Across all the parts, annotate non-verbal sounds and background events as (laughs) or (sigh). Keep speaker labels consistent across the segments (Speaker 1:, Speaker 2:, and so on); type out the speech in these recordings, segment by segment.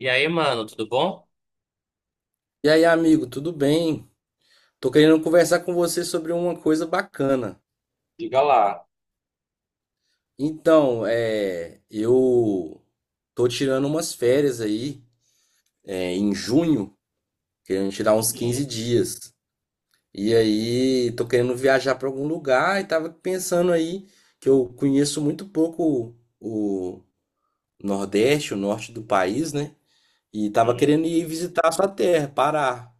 Speaker 1: E aí, mano, tudo bom?
Speaker 2: E aí, amigo, tudo bem? Tô querendo conversar com você sobre uma coisa bacana.
Speaker 1: Diga lá.
Speaker 2: Então, é, eu tô tirando umas férias aí, é, em junho, querendo tirar uns 15
Speaker 1: Uhum,
Speaker 2: dias. E aí, tô querendo viajar para algum lugar e tava pensando aí que eu conheço muito pouco o Nordeste, o norte do país, né? E tava
Speaker 1: uhum.
Speaker 2: querendo ir visitar a sua terra, Pará.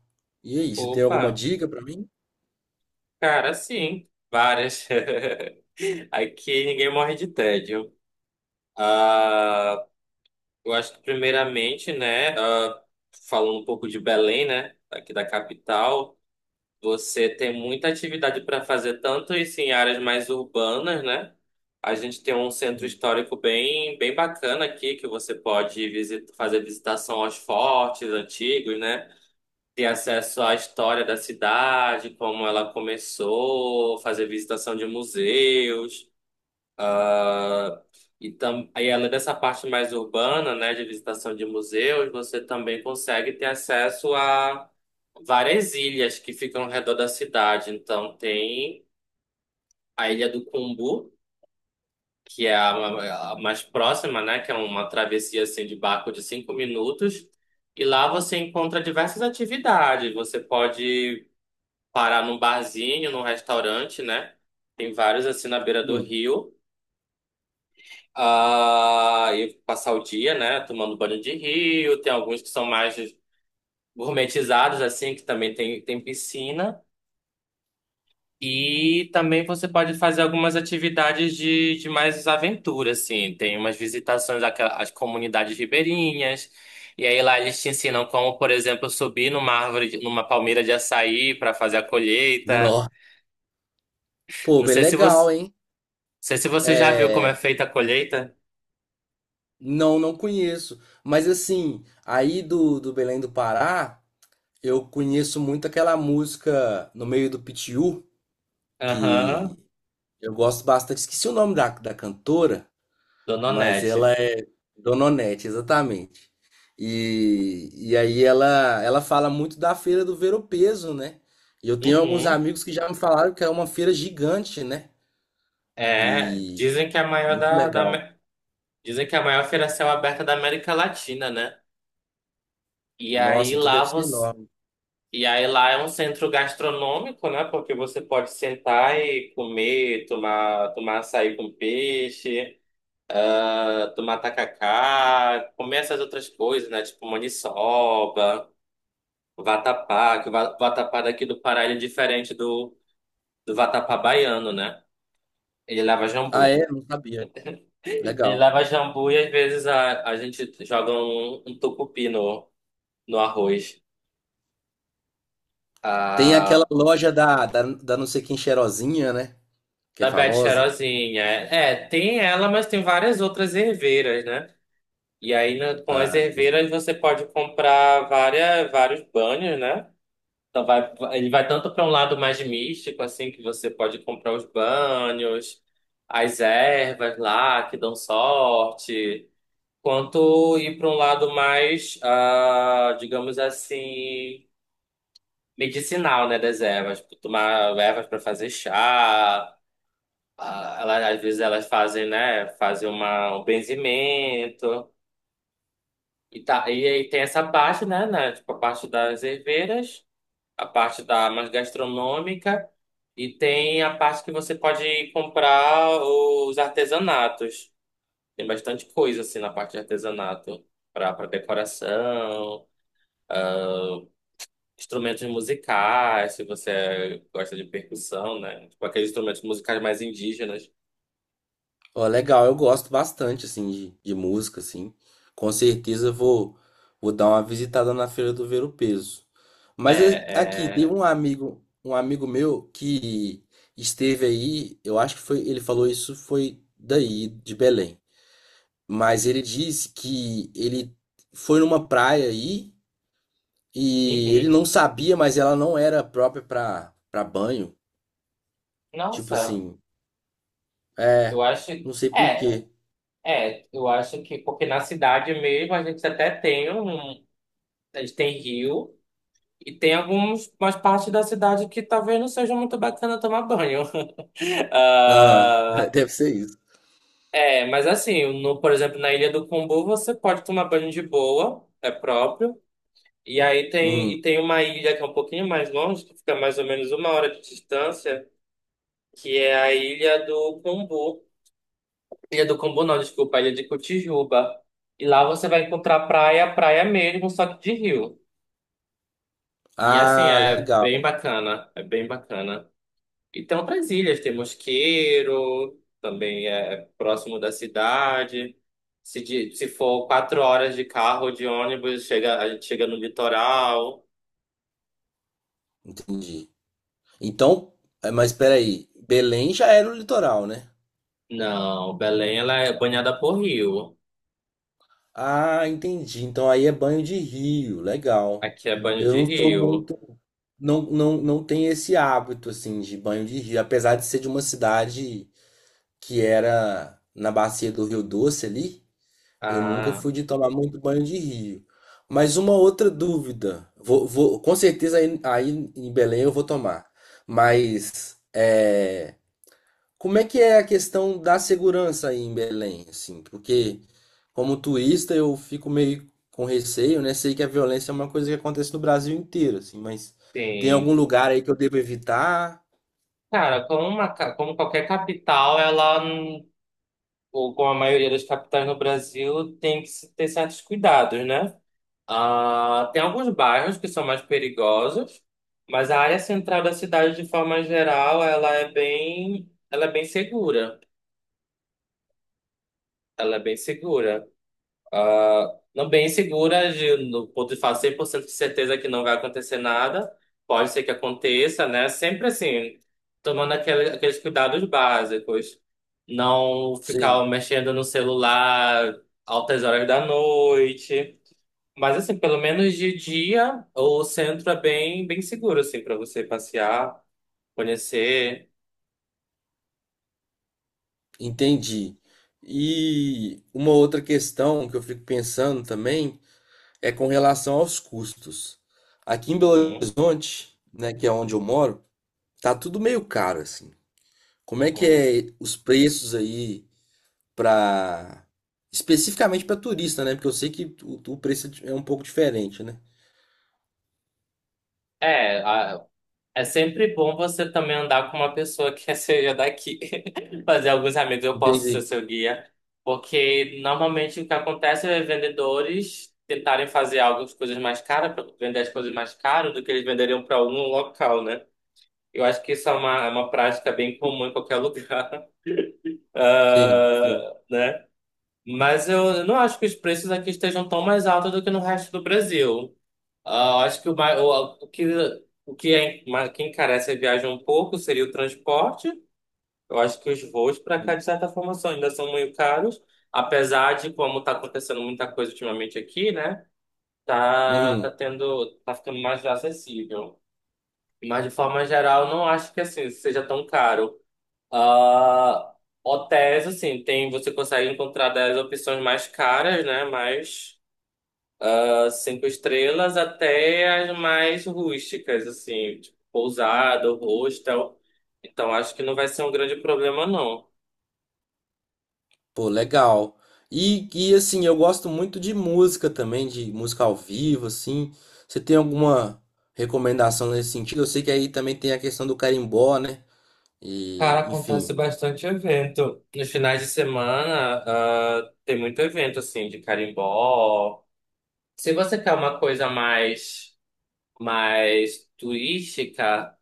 Speaker 2: E aí, você tem alguma
Speaker 1: Opa,
Speaker 2: dica para mim?
Speaker 1: cara, sim, várias. (laughs) Aqui ninguém morre de tédio. Ah, eu acho que primeiramente, né, falando um pouco de Belém, né, aqui da capital, você tem muita atividade para fazer, tanto isso em áreas mais urbanas, né? A gente tem um centro histórico bem bacana aqui que você pode visit fazer visitação aos fortes antigos, né? Ter acesso à história da cidade, como ela começou, fazer visitação de museus, ah, aí além dessa parte mais urbana, né, de visitação de museus, você também consegue ter acesso a várias ilhas que ficam ao redor da cidade. Então tem a Ilha do Cumbu, que é a mais próxima, né, que é uma travessia assim de barco de cinco minutos. E lá você encontra diversas atividades. Você pode parar num barzinho, num restaurante, né? Tem vários assim na beira do
Speaker 2: Hum.
Speaker 1: rio. Ah, e passar o dia, né? Tomando banho de rio. Tem alguns que são mais gourmetizados, assim, que também tem piscina. E também você pode fazer algumas atividades de mais aventura, assim. Tem umas às comunidades ribeirinhas. E aí lá eles te ensinam como, por exemplo, subir numa árvore, numa palmeira de açaí para fazer a colheita.
Speaker 2: Pô,
Speaker 1: Não
Speaker 2: bem
Speaker 1: sei se
Speaker 2: legal,
Speaker 1: você
Speaker 2: hein?
Speaker 1: Sei se você já viu como é
Speaker 2: É,
Speaker 1: feita a colheita.
Speaker 2: não, não conheço. Mas assim, aí do Belém do Pará, eu conheço muito aquela música No Meio do Pitiú,
Speaker 1: Aham,
Speaker 2: que eu gosto bastante. Esqueci o nome da cantora,
Speaker 1: Dona
Speaker 2: mas
Speaker 1: Onete.
Speaker 2: ela é Dona Onete, exatamente. E aí ela fala muito da Feira do Ver-o-Peso, né? E eu tenho alguns
Speaker 1: Uhum.
Speaker 2: amigos que já me falaram que é uma feira gigante, né?
Speaker 1: É,
Speaker 2: E muito legal.
Speaker 1: Dizem que é a maior feira a céu aberta da América Latina, né? E aí
Speaker 2: Nossa, então
Speaker 1: lá
Speaker 2: deve ser
Speaker 1: você,
Speaker 2: enorme.
Speaker 1: e aí lá é um centro gastronômico, né? Porque você pode sentar e comer, tomar açaí com peixe, tomar tacacá, comer essas outras coisas, né? Tipo maniçoba, vatapá, que o vatapá daqui do Pará ele é diferente do vatapá baiano, né? Ele leva
Speaker 2: Ah,
Speaker 1: jambu.
Speaker 2: é? Não sabia.
Speaker 1: Ele
Speaker 2: Legal.
Speaker 1: leva jambu e às vezes a gente joga um tucupi no arroz.
Speaker 2: Tem
Speaker 1: A,
Speaker 2: aquela loja da não sei quem cheirosinha, né? Que é
Speaker 1: Da Bete
Speaker 2: famosa.
Speaker 1: Cheirosinha. É, tem ela, mas tem várias outras erveiras, né? E aí com as
Speaker 2: Ah, sim.
Speaker 1: erveiras você pode comprar vários banhos, né? Então vai, ele vai tanto para um lado mais místico, assim, que você pode comprar os banhos, as ervas lá que dão sorte, quanto ir para um lado mais, digamos assim, medicinal, né, das ervas. Tipo, tomar ervas para fazer chá, às vezes elas fazem, né, fazem um benzimento e tá, e aí tem essa parte, né, tipo a parte das herveiras, a parte da mais gastronômica e tem a parte que você pode comprar os artesanatos. Tem bastante coisa assim na parte de artesanato para decoração. Instrumentos musicais, se você gosta de percussão, né? Tipo aqueles instrumentos musicais mais indígenas.
Speaker 2: Ó, legal. Eu gosto bastante, assim, de música, assim. Com certeza eu vou, vou dar uma visitada na Feira do Ver o Peso.
Speaker 1: É,
Speaker 2: Mas aqui, tem
Speaker 1: é.
Speaker 2: um amigo meu que esteve aí, eu acho que foi, ele falou isso foi daí, de Belém. Mas ele disse que ele foi numa praia aí. E ele
Speaker 1: Uhum.
Speaker 2: não sabia, mas ela não era própria pra banho. Tipo
Speaker 1: Nossa,
Speaker 2: assim,
Speaker 1: eu
Speaker 2: é,
Speaker 1: acho.
Speaker 2: não sei por
Speaker 1: É,
Speaker 2: quê.
Speaker 1: É, eu acho que porque na cidade mesmo a gente até tem um. A gente tem rio e tem algumas umas partes da cidade que talvez não seja muito bacana tomar banho. (laughs)
Speaker 2: Ah, (laughs)
Speaker 1: Ah,
Speaker 2: deve ser isso.
Speaker 1: é, mas assim, no, por exemplo, na Ilha do Combu você pode tomar banho de boa, é próprio.
Speaker 2: Hum.
Speaker 1: E tem uma ilha que é um pouquinho mais longe, que fica mais ou menos uma hora de distância, que é a Ilha do Combu. Ilha do Combu não, desculpa, a Ilha de Cotijuba. E lá você vai encontrar praia mesmo, só que de rio. E assim,
Speaker 2: Ah, legal,
Speaker 1: é bem bacana. E tem outras ilhas, tem Mosqueiro, também é próximo da cidade. Se for quatro horas de carro ou de ônibus, a gente chega no litoral.
Speaker 2: entendi. Então, é, mas peraí, Belém já era o litoral, né?
Speaker 1: Não, Belém ela é banhada por rio.
Speaker 2: Ah, entendi. Então aí é banho de rio, legal.
Speaker 1: Aqui é banho
Speaker 2: Eu
Speaker 1: de
Speaker 2: não sou
Speaker 1: rio.
Speaker 2: muito, não, não tenho esse hábito assim de banho de rio, apesar de ser de uma cidade que era na bacia do Rio Doce ali. Eu nunca
Speaker 1: Ah,
Speaker 2: fui de tomar muito banho de rio. Mas uma outra dúvida. Vou, com certeza aí, aí em Belém eu vou tomar. Mas é, como é que é a questão da segurança aí em Belém, assim? Porque como turista eu fico meio com receio, né? Sei que a violência é uma coisa que acontece no Brasil inteiro, assim, mas tem algum
Speaker 1: sim.
Speaker 2: lugar aí que eu devo evitar?
Speaker 1: Cara, como qualquer capital, ou como a maioria das capitais no Brasil, tem que se ter certos cuidados, né? Tem alguns bairros que são mais perigosos, mas a área central da cidade, de forma geral, ela é bem segura. Ela é bem segura. Ah, não bem segura, no ponto de falar 100% de certeza que não vai acontecer nada. Pode ser que aconteça, né? Sempre assim, aqueles cuidados básicos. Não ficar
Speaker 2: Sim,
Speaker 1: mexendo no celular altas horas da noite. Mas assim, pelo menos de dia, o centro é bem seguro, assim, para você passear, conhecer.
Speaker 2: entendi. E uma outra questão que eu fico pensando também é com relação aos custos. Aqui em Belo
Speaker 1: Uhum,
Speaker 2: Horizonte, né, que é onde eu moro, tá tudo meio caro assim. Como é que
Speaker 1: uhum.
Speaker 2: é os preços aí para especificamente para turista, né? Porque eu sei que o preço é um pouco diferente, né?
Speaker 1: É, É sempre bom você também andar com uma pessoa que (laughs) seja daqui, (laughs) fazer alguns amigos, eu posso ser
Speaker 2: Entendi.
Speaker 1: seu guia, porque normalmente o que acontece é vendedores tentarem fazer algumas coisas mais caras, vender as coisas mais caras do que eles venderiam para algum local, né? Eu acho que isso é é uma prática bem comum em qualquer lugar. (laughs)
Speaker 2: Sim, sim.
Speaker 1: Ah, né? Mas eu não acho que os preços aqui estejam tão mais altos do que no resto do Brasil. Ah, eu acho que o, mai- o que, o que, é, mas que encarece a viagem um pouco seria o transporte. Eu acho que os voos para cá,
Speaker 2: Hum.
Speaker 1: de certa forma, ainda são muito caros. Apesar de, como está acontecendo muita coisa ultimamente aqui, né? Tá
Speaker 2: Uhum.
Speaker 1: tendo, tá ficando mais acessível. Mas, de forma geral, não acho que assim seja tão caro. Ah, hotéis, assim, tem, você consegue encontrar das opções mais caras, né? Mas as cinco estrelas até as mais rústicas, assim, tipo, pousada, hostel. Então, acho que não vai ser um grande problema, não.
Speaker 2: Pô, legal. E assim, eu gosto muito de música também, de música ao vivo, assim. Você tem alguma recomendação nesse sentido? Eu sei que aí também tem a questão do carimbó, né?
Speaker 1: Cara,
Speaker 2: E,
Speaker 1: acontece
Speaker 2: enfim.
Speaker 1: bastante evento. Nos finais de semana, tem muito evento, assim, de carimbó. Se você quer uma coisa mais turística.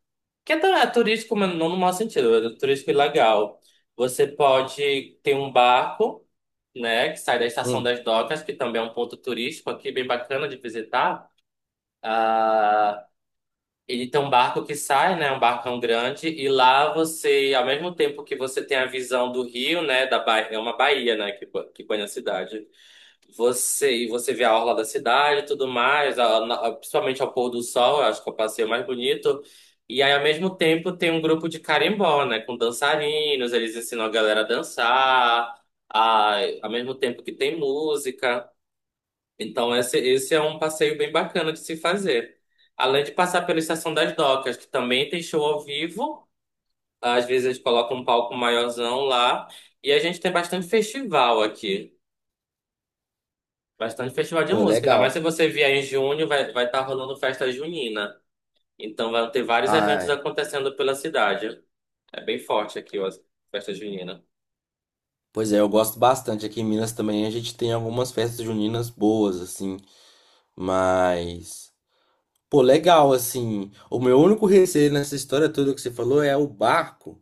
Speaker 1: É turístico, mas não no mau sentido, é turístico ilegal. Você pode ter um barco, né, que sai da Estação
Speaker 2: Hum,
Speaker 1: das Docas, que também é um ponto turístico aqui, bem bacana de visitar. Ah, ele tem um barco que sai, né, um barcão grande, e lá você, ao mesmo tempo que você tem a visão do rio, né, da Bahia, é uma baía, né, que banha a cidade. E você vê a orla da cidade e tudo mais, principalmente ao pôr do sol, eu acho que é o passeio mais bonito. E aí, ao mesmo tempo, tem um grupo de carimbó, né? Com dançarinos, eles ensinam a galera a dançar, ao mesmo tempo que tem música. Então, esse é um passeio bem bacana de se fazer. Além de passar pela Estação das Docas, que também tem show ao vivo. Às vezes, eles colocam um palco maiorzão lá. E a gente tem bastante festival aqui. Bastante festival de
Speaker 2: pô,
Speaker 1: música. Ainda mais se
Speaker 2: legal.
Speaker 1: você vier em junho, vai estar rolando festa junina. Então vai ter vários eventos
Speaker 2: Ah,
Speaker 1: acontecendo pela cidade. É bem forte aqui, ó, as festa junina.
Speaker 2: pois é, eu gosto bastante. Aqui em Minas também a gente tem algumas festas juninas boas, assim. Mas, pô, legal, assim. O meu único receio nessa história toda que você falou é o barco,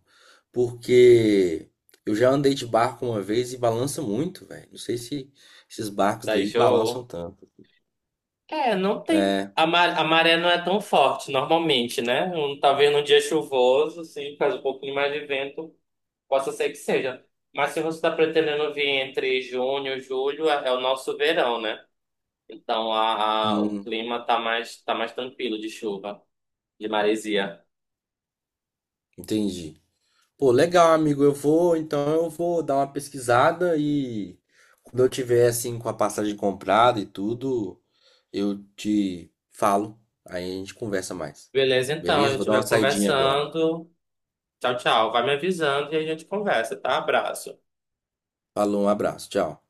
Speaker 2: porque eu já andei de barco uma vez e balança muito, velho. Não sei se esses barcos
Speaker 1: Daí
Speaker 2: daí balançam
Speaker 1: show.
Speaker 2: tanto.
Speaker 1: É, não tem.
Speaker 2: É,
Speaker 1: A maré não é tão forte normalmente, né? Um, talvez num dia chuvoso, se faz um pouquinho mais de vento, possa ser que seja. Mas se você está pretendendo vir entre junho e julho, é o nosso verão, né? Então o
Speaker 2: hum,
Speaker 1: clima tá mais tranquilo de chuva, de maresia.
Speaker 2: entendi. Pô, legal, amigo. Eu vou, então eu vou dar uma pesquisada e quando eu tiver assim com a passagem comprada e tudo, eu te falo. Aí a gente conversa mais.
Speaker 1: Beleza, então, a
Speaker 2: Beleza? Vou
Speaker 1: gente
Speaker 2: dar uma
Speaker 1: vai
Speaker 2: saidinha agora.
Speaker 1: conversando. Tchau, tchau. Vai me avisando e a gente conversa, tá? Abraço.
Speaker 2: Falou, um abraço, tchau.